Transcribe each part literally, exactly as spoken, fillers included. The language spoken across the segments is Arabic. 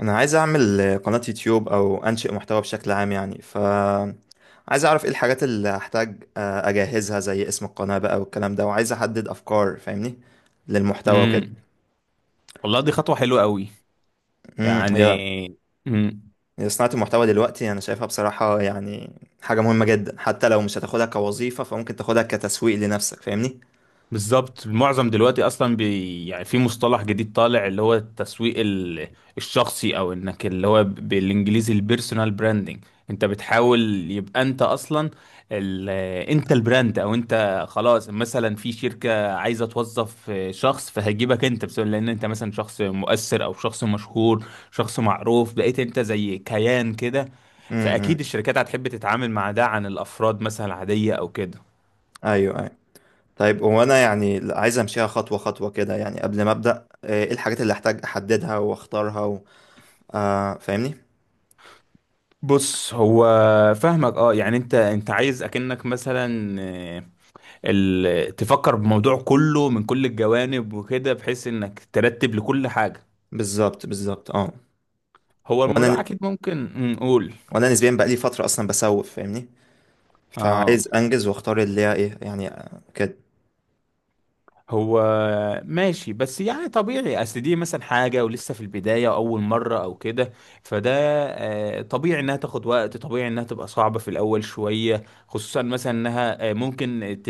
انا عايز اعمل قناة يوتيوب او انشئ محتوى بشكل عام يعني ف عايز اعرف ايه الحاجات اللي هحتاج آه، اجهزها زي اسم القناة بقى والكلام ده، وعايز احدد افكار فاهمني للمحتوى وكده. امم والله دي خطوة حلوة قوي. امم يعني، هي امم هي صناعة المحتوى دلوقتي انا شايفها بصراحة، يعني حاجة مهمة جدا حتى لو مش هتاخدها كوظيفة فممكن تاخدها كتسويق لنفسك فاهمني. بالظبط. المعظم دلوقتي اصلا، بي يعني في مصطلح جديد طالع، اللي هو التسويق ال- الشخصي، او انك اللي هو ب- بالانجليزي، البيرسونال براندنج. انت بتحاول يبقى انت اصلا ال... انت البراند، او انت خلاص مثلا في شركة عايزة توظف شخص، فهجيبك انت بسبب لان انت مثلا شخص مؤثر او شخص مشهور، شخص معروف، بقيت انت زي كيان كده. امم، فاكيد الشركات هتحب تتعامل مع ده عن الافراد مثلا عادية او كده. ايوه ايوه. طيب، هو انا يعني عايز امشيها خطوة خطوة كده، يعني قبل ما ابدا آه، ايه الحاجات اللي احتاج احددها واختارها و... آه فاهمني. بص، هو فاهمك اه، يعني انت انت عايز اكنك مثلا، آه، ال... تفكر بموضوع كله من كل الجوانب وكده، بحيث انك ترتب لكل حاجة. بالظبط بالظبط، اه. هو الموضوع وانا اكيد ممكن نقول، وانا نسبيا بقى لي فتره اصلا بسوف فاهمني، اه، فعايز انجز واختار اللي هي ايه يعني، آه، كده. هو ماشي، بس يعني طبيعي. اصل دي مثلا حاجه ولسه في البدايه، اول مره او كده، فده آه، طبيعي انها تاخد وقت، طبيعي انها تبقى صعبه في الاول شويه، خصوصا مثلا انها آه، ممكن ت...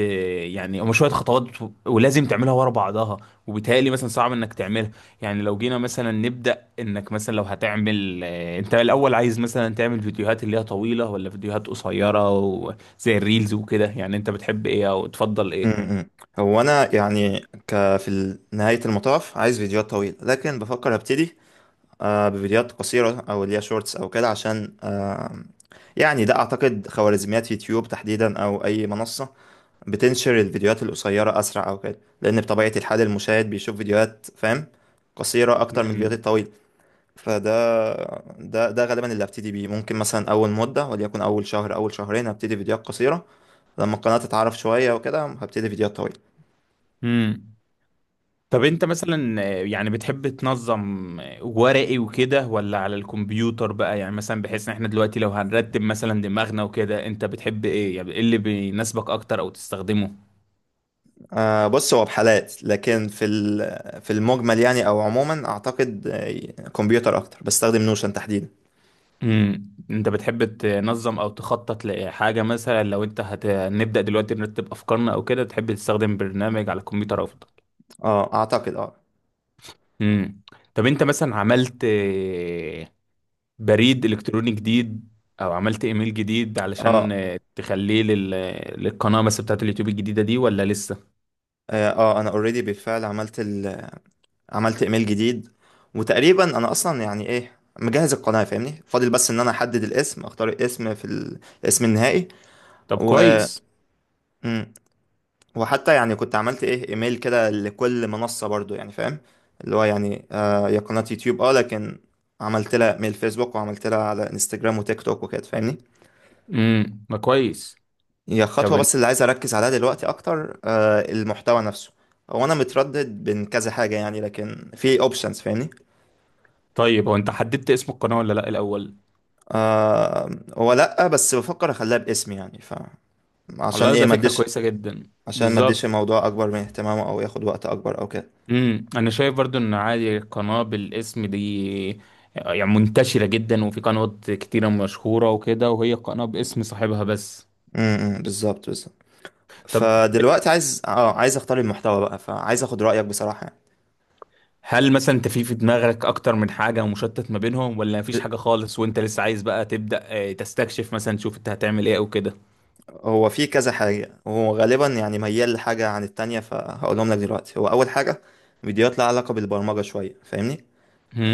يعني هم شويه خطوات، ولازم تعملها ورا بعضها، وبالتالي مثلا صعب انك تعملها. يعني لو جينا مثلا نبدا، انك مثلا لو هتعمل آه، انت الاول عايز مثلا تعمل فيديوهات اللي هي طويله، ولا فيديوهات قصيره و... زي الريلز وكده، يعني انت بتحب ايه او تفضل م- ايه؟ م. هو انا يعني، ك في ال- نهايه المطاف عايز فيديوهات طويله، لكن بفكر ابتدي آه، بفيديوهات قصيره او اللي هي شورتس او كده، عشان آه، يعني ده اعتقد خوارزميات يوتيوب تحديدا، او اي منصه بتنشر الفيديوهات القصيره اسرع او كده، لان بطبيعه الحال المشاهد بيشوف فيديوهات فاهم، قصيره اكتر من الفيديوهات مم. الطويله. فده ده ده غالبا اللي هبتدي بيه. ممكن مثلا اول مده وليكن اول شهر اول شهرين هبتدي فيديوهات قصيره، لما القناه تتعرف شويه وكده هبتدي فيديوهات طويله. امم طب انت مثلا، آه، يعني بتحب تنظم آه، ورقي وكده، ولا على الكمبيوتر بقى؟ يعني مثلا بحيث ان احنا دلوقتي لو هنرتب مثلا دماغنا وكده، انت بتحب ايه؟ يعني ايه اللي بيناسبك اكتر او تستخدمه؟ آه بص، هو بحالات لكن في ال- في المجمل يعني او عموما اعتقد آه، كمبيوتر اكتر، بستخدم نوشن تحديدا. امم انت بتحب تنظم او تخطط لحاجة مثلا؟ لو انت هنبدأ دلوقتي نرتب افكارنا او كده، تحب تستخدم برنامج على الكمبيوتر افضل؟ اه، اعتقد اه. امم طب انت مثلا عملت بريد الكتروني جديد، او عملت ايميل جديد علشان اه آه، تخليه لل... للقناه بس بتاعت اليوتيوب الجديده دي، ولا لسه؟ اه آه، انا اوريدي بالفعل عملت ال... عملت ايميل جديد. وتقريبا انا اصلا يعني ايه مجهز القناه فاهمني، فاضل بس ان انا احدد الاسم، اختار الاسم في ال- الاسم النهائي. طب و... كويس. وحتى يعني كنت عملت ايه ايميل كده لكل منصة برضو، يعني فاهم اللي هو يعني آه يا قناة يوتيوب اه لكن عملت لها ايميل فيسبوك وعملت لها على انستجرام وتيك توك وكده فاهمني. امم ما كويس. هي طب، خطوة، بس اللي عايز اركز عليها دلوقتي اكتر آه المحتوى نفسه. هو انا متردد بين كذا حاجة يعني، لكن في اوبشنز فاهمني. طيب هو انت حددت اسم القناه ولا لا الاول؟ آه هو لا، بس بفكر اخليها باسمي يعني ف عشان والله ايه ده ما فكره اديش، كويسه جدا عشان ما اديش بالظبط. الموضوع اكبر من اهتمامه او ياخد وقت اكبر او كده. امم انا شايف برضو ان عادي القناه بالاسم دي، آه، يعني منتشره جدا، وفي قنوات كتيره مشهوره وكده، وهي قناه باسم صاحبها بس. امم بالظبط بالظبط. طب، فدلوقتي عايز اه عايز اختار المحتوى بقى، فعايز اخد رأيك بصراحة يعني. هل مثلا انت في في دماغك اكتر من حاجه ومشتت ما بينهم، ولا مفيش ب... حاجه خالص وانت لسه عايز بقى تبدا آه، تستكشف مثلا، تشوف انت هتعمل ايه او كده؟ هو في كذا حاجة، وهو غالبا يعني ميال لحاجة عن التانية، فهقولهم لك دلوقتي. هو أول حاجة فيديوهات لها علاقة بالبرمجة شوية فاهمني،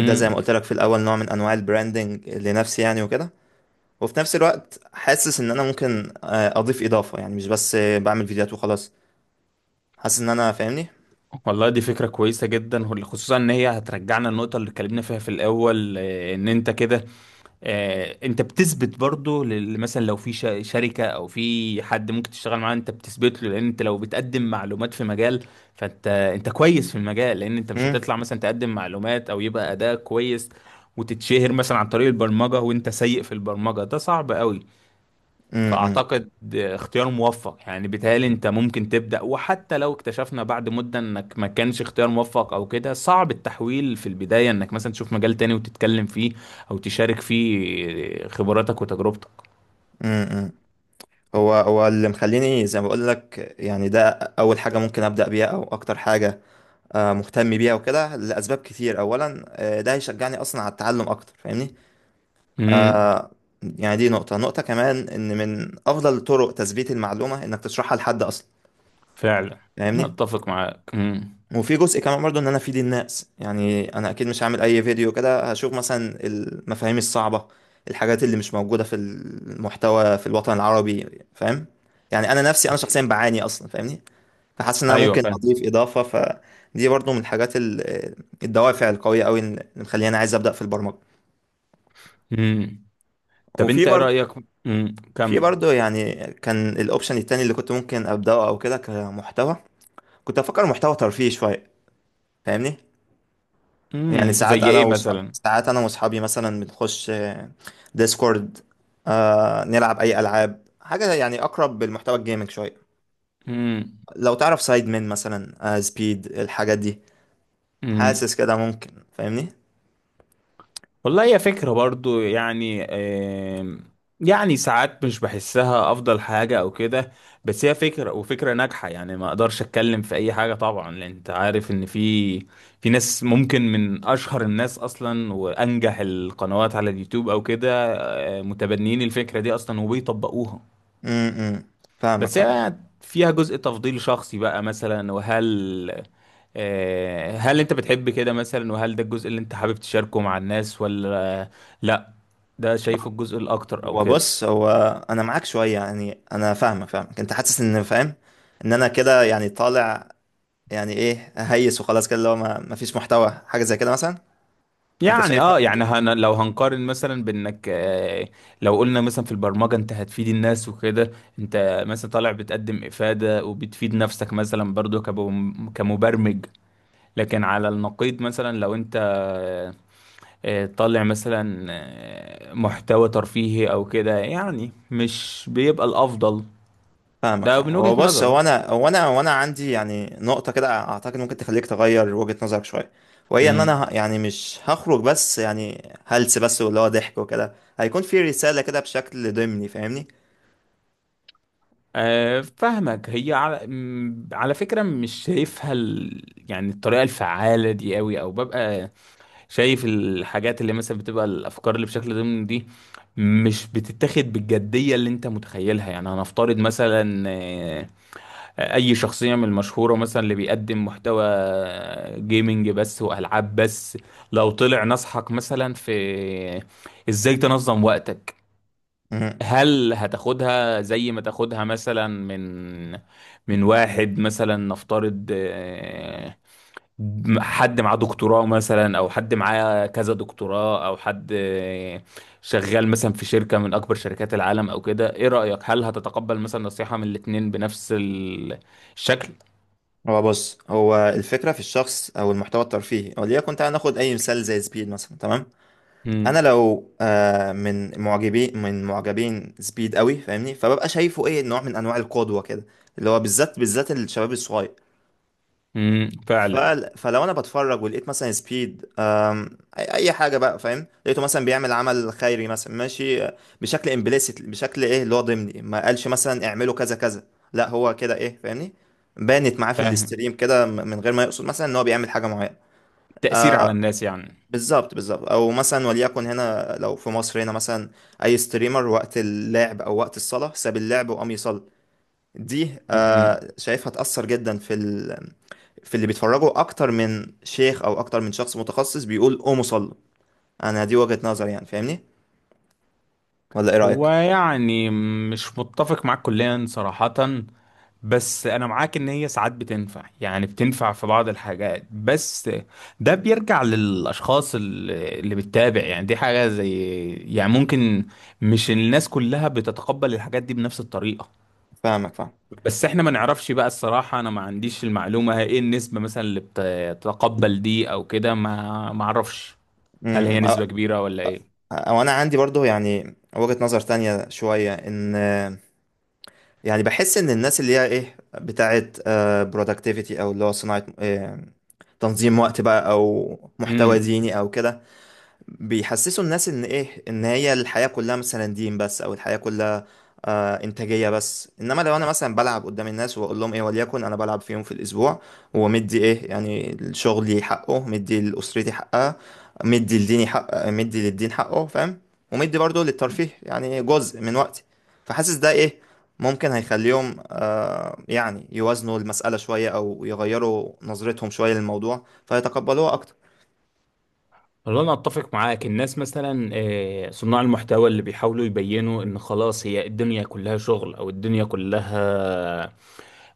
ده زي ما قلت لك في الأول نوع من أنواع البراندنج لنفسي يعني وكده. وفي نفس الوقت حاسس إن أنا ممكن آه، أضيف إضافة، يعني مش بس آه، بعمل فيديوهات وخلاص، حاسس إن أنا فاهمني. والله دي فكرة كويسة جدا، وال- خصوصا ان هي هترجعنا النقطة اللي اتكلمنا فيها في الاول، آه، ان انت كده، آه، انت بتثبت برضو لل- مثلا لو في ش- شركة، او في حد ممكن تشتغل معاه، انت بتثبت له، لان انت لو بتقدم معلومات في مجال، فانت انت كويس في المجال. لان انت مش مم، هتطلع مثلا تقدم معلومات او يبقى اداء كويس، وتتشهر مثلا عن طريق البرمجة وانت سيء في البرمجة، ده صعب قوي. مم، مم، فأعتقد اختيار موفق، يعني بيتهيألي أنت ممكن تبدأ. وحتى لو اكتشفنا بعد مدة إنك ما كانش اختيار موفق أو كده، صعب التحويل في البداية إنك مثلا تشوف مجال تاني وتتكلم فيه، أو تشارك فيه خبراتك وتجربتك. مم، مم. هو هو اللي مخليني زي ما بقول لك يعني، ده أول حاجة ممكن أبدأ بيها أو أكتر حاجة آه، مهتم بيها وكده لأسباب كتير. أولا آه، ده هيشجعني أصلا على التعلم أكتر فاهمني. امم آه، يعني دي نقطة، نقطة كمان إن من أفضل طرق تثبيت المعلومة إنك تشرحها لحد أصلا فعلا. أنا فاهمني. أتفق معاك، امم. وفي جزء كمان برضو إن أنا أفيد الناس، يعني أنا أكيد مش هعمل أي فيديو كده، هشوف مثلا المفاهيم الصعبة، الحاجات اللي مش موجودة في المحتوى في الوطن العربي فاهم. يعني أنا نفسي أنا شخصيا بعاني أصلا فاهمني، فحاسس ان انا أيوه، ممكن فاهم. اضيف اضافه. فدي برضو من الحاجات ال- الدوافع القويه قوي اللي مخليني عايز ابدا في البرمجه. امم طب وفي أنت إيه برضو رأيك؟ امم في كمل. برضو يعني كان الاوبشن التاني اللي كنت ممكن ابداه او كده كمحتوى، كنت افكر محتوى ترفيهي شويه فاهمني. يعني امم ساعات زي انا إيه وصحابي، مثلا؟ ساعات انا واصحابي مثلا بنخش آه، ديسكورد، آه نلعب اي العاب حاجه، يعني اقرب بالمحتوى الجيمنج شويه، لو تعرف سايد من مثلا آه سبيد الحاجات دي. امم حاسس كده ممكن فاهمني. والله هي فكرة برضو، يعني آم، يعني ساعات مش بحسها أفضل حاجة أو كده، بس هي فكرة، وفكرة ناجحة. يعني ما أقدرش أتكلم في أي حاجة طبعا، لأن أنت عارف إن في في ناس ممكن من أشهر الناس أصلا، وأنجح القنوات على اليوتيوب أو كده، آه، متبنيين الفكرة دي أصلا وبيطبقوها. امم فاهمك بس فاهمك. هي فيها جزء تفضيل شخصي بقى مثلا، وهل آه، هل أنت بتحب كده مثلا، وهل ده الجزء اللي أنت حابب تشاركه مع الناس، ولا لا، ده شايفه الجزء الاكتر او هو كده؟ بص، هو انا معاك شويه، يعني انا فاهمك فاهمك، انت حاسس ان فاهم ان انا كده يعني طالع، يعني ايه هيس وخلاص كده، اللي هو ما ما فيش محتوى حاجه زي كده مثلا. انت يعني شايف ما... اه، يعني أنت- هن لو هنقارن مثلا بانك، آه لو قلنا مثلا في البرمجه، انت هتفيد الناس وكده، انت مثلا طالع بتقدم افاده، وبتفيد نفسك مثلا برضو كبم- كمبرمج. لكن على النقيض مثلا، لو انت آه آه، طالع مثلا آه محتوى ترفيهي او كده، يعني مش بيبقى الافضل. فاهمك ده فاهم. من هو وجهه بص، نظري. هو انا هو انا هو انا عندي يعني نقطه كده اعتقد ممكن تخليك تغير وجهه نظرك شويه، وهي ان انا امم ه- يعني مش هخرج بس يعني هلس بس واللي هو ضحك وكده، هيكون في رساله كده بشكل ضمني فاهمني. آه، فاهمك. هي على م- على فكرة مش شايفها ال... يعني الطريقة الفعالة دي قوي. او ببقى شايف الحاجات اللي مثلا بتبقى الافكار اللي بشكل ضمني دي، مش بتتاخد بالجدية اللي انت متخيلها. يعني هنفترض مثلا آه، اي شخصية من المشهورة مثلا اللي بيقدم محتوى جيمنج بس، والعاب بس، لو طلع نصحك مثلا في ازاي تنظم وقتك، هل هتاخدها زي ما تاخدها مثلا من من واحد مثلا، نفترض آه، حد معاه دكتوراه مثلا، او حد معاه كذا دكتوراه، او حد آه، شغال مثلا في شركة من اكبر شركات العالم او كده؟ ايه رأيك؟ هل هتتقبل مثلا نصيحة من الاتنين بنفس ال- الشكل؟ هو بص، هو الفكرة في الشخص أو المحتوى الترفيهي، وليكن تعالى ناخد أي مثال زي سبيد مثلا، تمام. مم. أنا لو آه من معجبي من معجبين سبيد قوي فاهمني، فببقى شايفه إيه نوع من أنواع القدوة كده، اللي هو بالذات بالذات الشباب الصغير. مم. ف... فعلا. فلو انا بتفرج ولقيت مثلا سبيد أم... اي أي حاجه بقى فاهم، لقيته مثلا بيعمل عمل خيري مثلا، ماشي آه، بشكل امبليسيت، بشكل ايه اللي هو ضمني، ما قالش مثلا اعملوا كذا كذا، لا هو كده ايه فاهمني، بانت معاه في فاهم. الاستريم كده م- من غير ما يقصد مثلا ان هو بيعمل حاجه معينه. تأثير على الناس يعني. بالظبط بالظبط، او مثلا وليكن هنا لو في مصر هنا مثلا اي ستريمر وقت اللعب او وقت الصلاه ساب اللعب وقام يصلي، دي مم. آه، شايفها تأثر جدا في ال... في اللي بيتفرجوا أكتر من شيخ أو أكتر من شخص متخصص بيقول قوموا صلوا. أنا دي وجهة نظري يعني فاهمني، ولا إيه هو رأيك؟ يعني مش متفق معاك كليا صراحة، بس انا معاك ان هي ساعات بتنفع، يعني بتنفع في بعض الحاجات بس. ده بيرجع للاشخاص اللي اللي بتتابع، يعني دي حاجة زي يعني ممكن، مش الناس كلها بتتقبل الحاجات دي بنفس الطريقة. فاهمك فاهم. بس احنا ما نعرفش بقى الصراحة، انا ما عنديش المعلومة ايه النسبة مثلا اللي بتتقبل دي او كده. ما ما اعرفش هل أمم، هي أ- نسبة كبيرة ولا ايه. أ- وأنا عندي برضو يعني وجهة نظر تانية شوية، إن آه، يعني بحس إن الناس اللي هي إيه بتاعت برودكتيفيتي، أو اللي هو صناعة آه، تنظيم وقت بقى، أو محتوى امم ديني أو كده، بيحسسوا الناس ان ايه، ان هي الحياة كلها مثلا دين بس، او الحياة كلها آه انتاجية بس. انما لو انا مثلا بلعب قدام الناس وبقول لهم ايه، وليكن انا بلعب في يوم في الاسبوع، ومدي ايه يعني شغلي حقه، مدي لاسرتي حقها، مدي لديني حق، مدي للدين حقه فاهم، ومدي برضه للترفيه يعني جزء من وقتي. فحاسس ده ايه، ممكن هيخليهم آه يعني يوازنوا المسألة شوية او يغيروا نظرتهم شوية للموضوع فيتقبلوها اكتر. والله انا اتفق معاك. الناس مثلا، آه، صناع المحتوى اللي بيحاولوا يبينوا ان خلاص هي الدنيا كلها شغل، او الدنيا كلها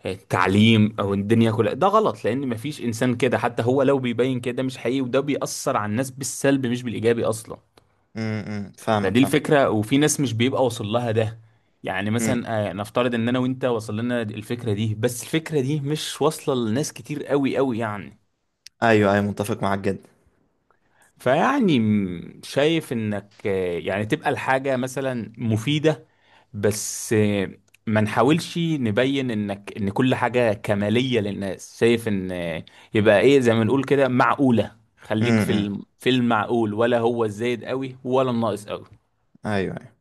آه، تعليم، او الدنيا كلها، ده غلط لان مفيش انسان كده، حتى هو لو بيبين كده مش حقيقي، وده بيأثر على الناس بالسلب مش بالايجابي اصلا. امم فاهمك فدي فاهم. الفكرة، وفي ناس مش بيبقى واصل لها ده، يعني مثلا آه، نفترض ان انا وانت وصل لنا الفكرة دي، بس الفكرة دي مش واصلة لناس كتير قوي قوي يعني. ايوه ايوه، متفق معاك جدا. فيعني م- شايف انك، آه، يعني تبقى الحاجة مثلا مفيدة، بس آه، ما نحاولش نبين انك ان كل حاجة كمالية للناس، شايف ان آه، يبقى ايه زي ما نقول كده معقولة، خليك في امم الم- في المعقول، ولا هو الزايد قوي ولا الناقص قوي؟ ايوه أيوة.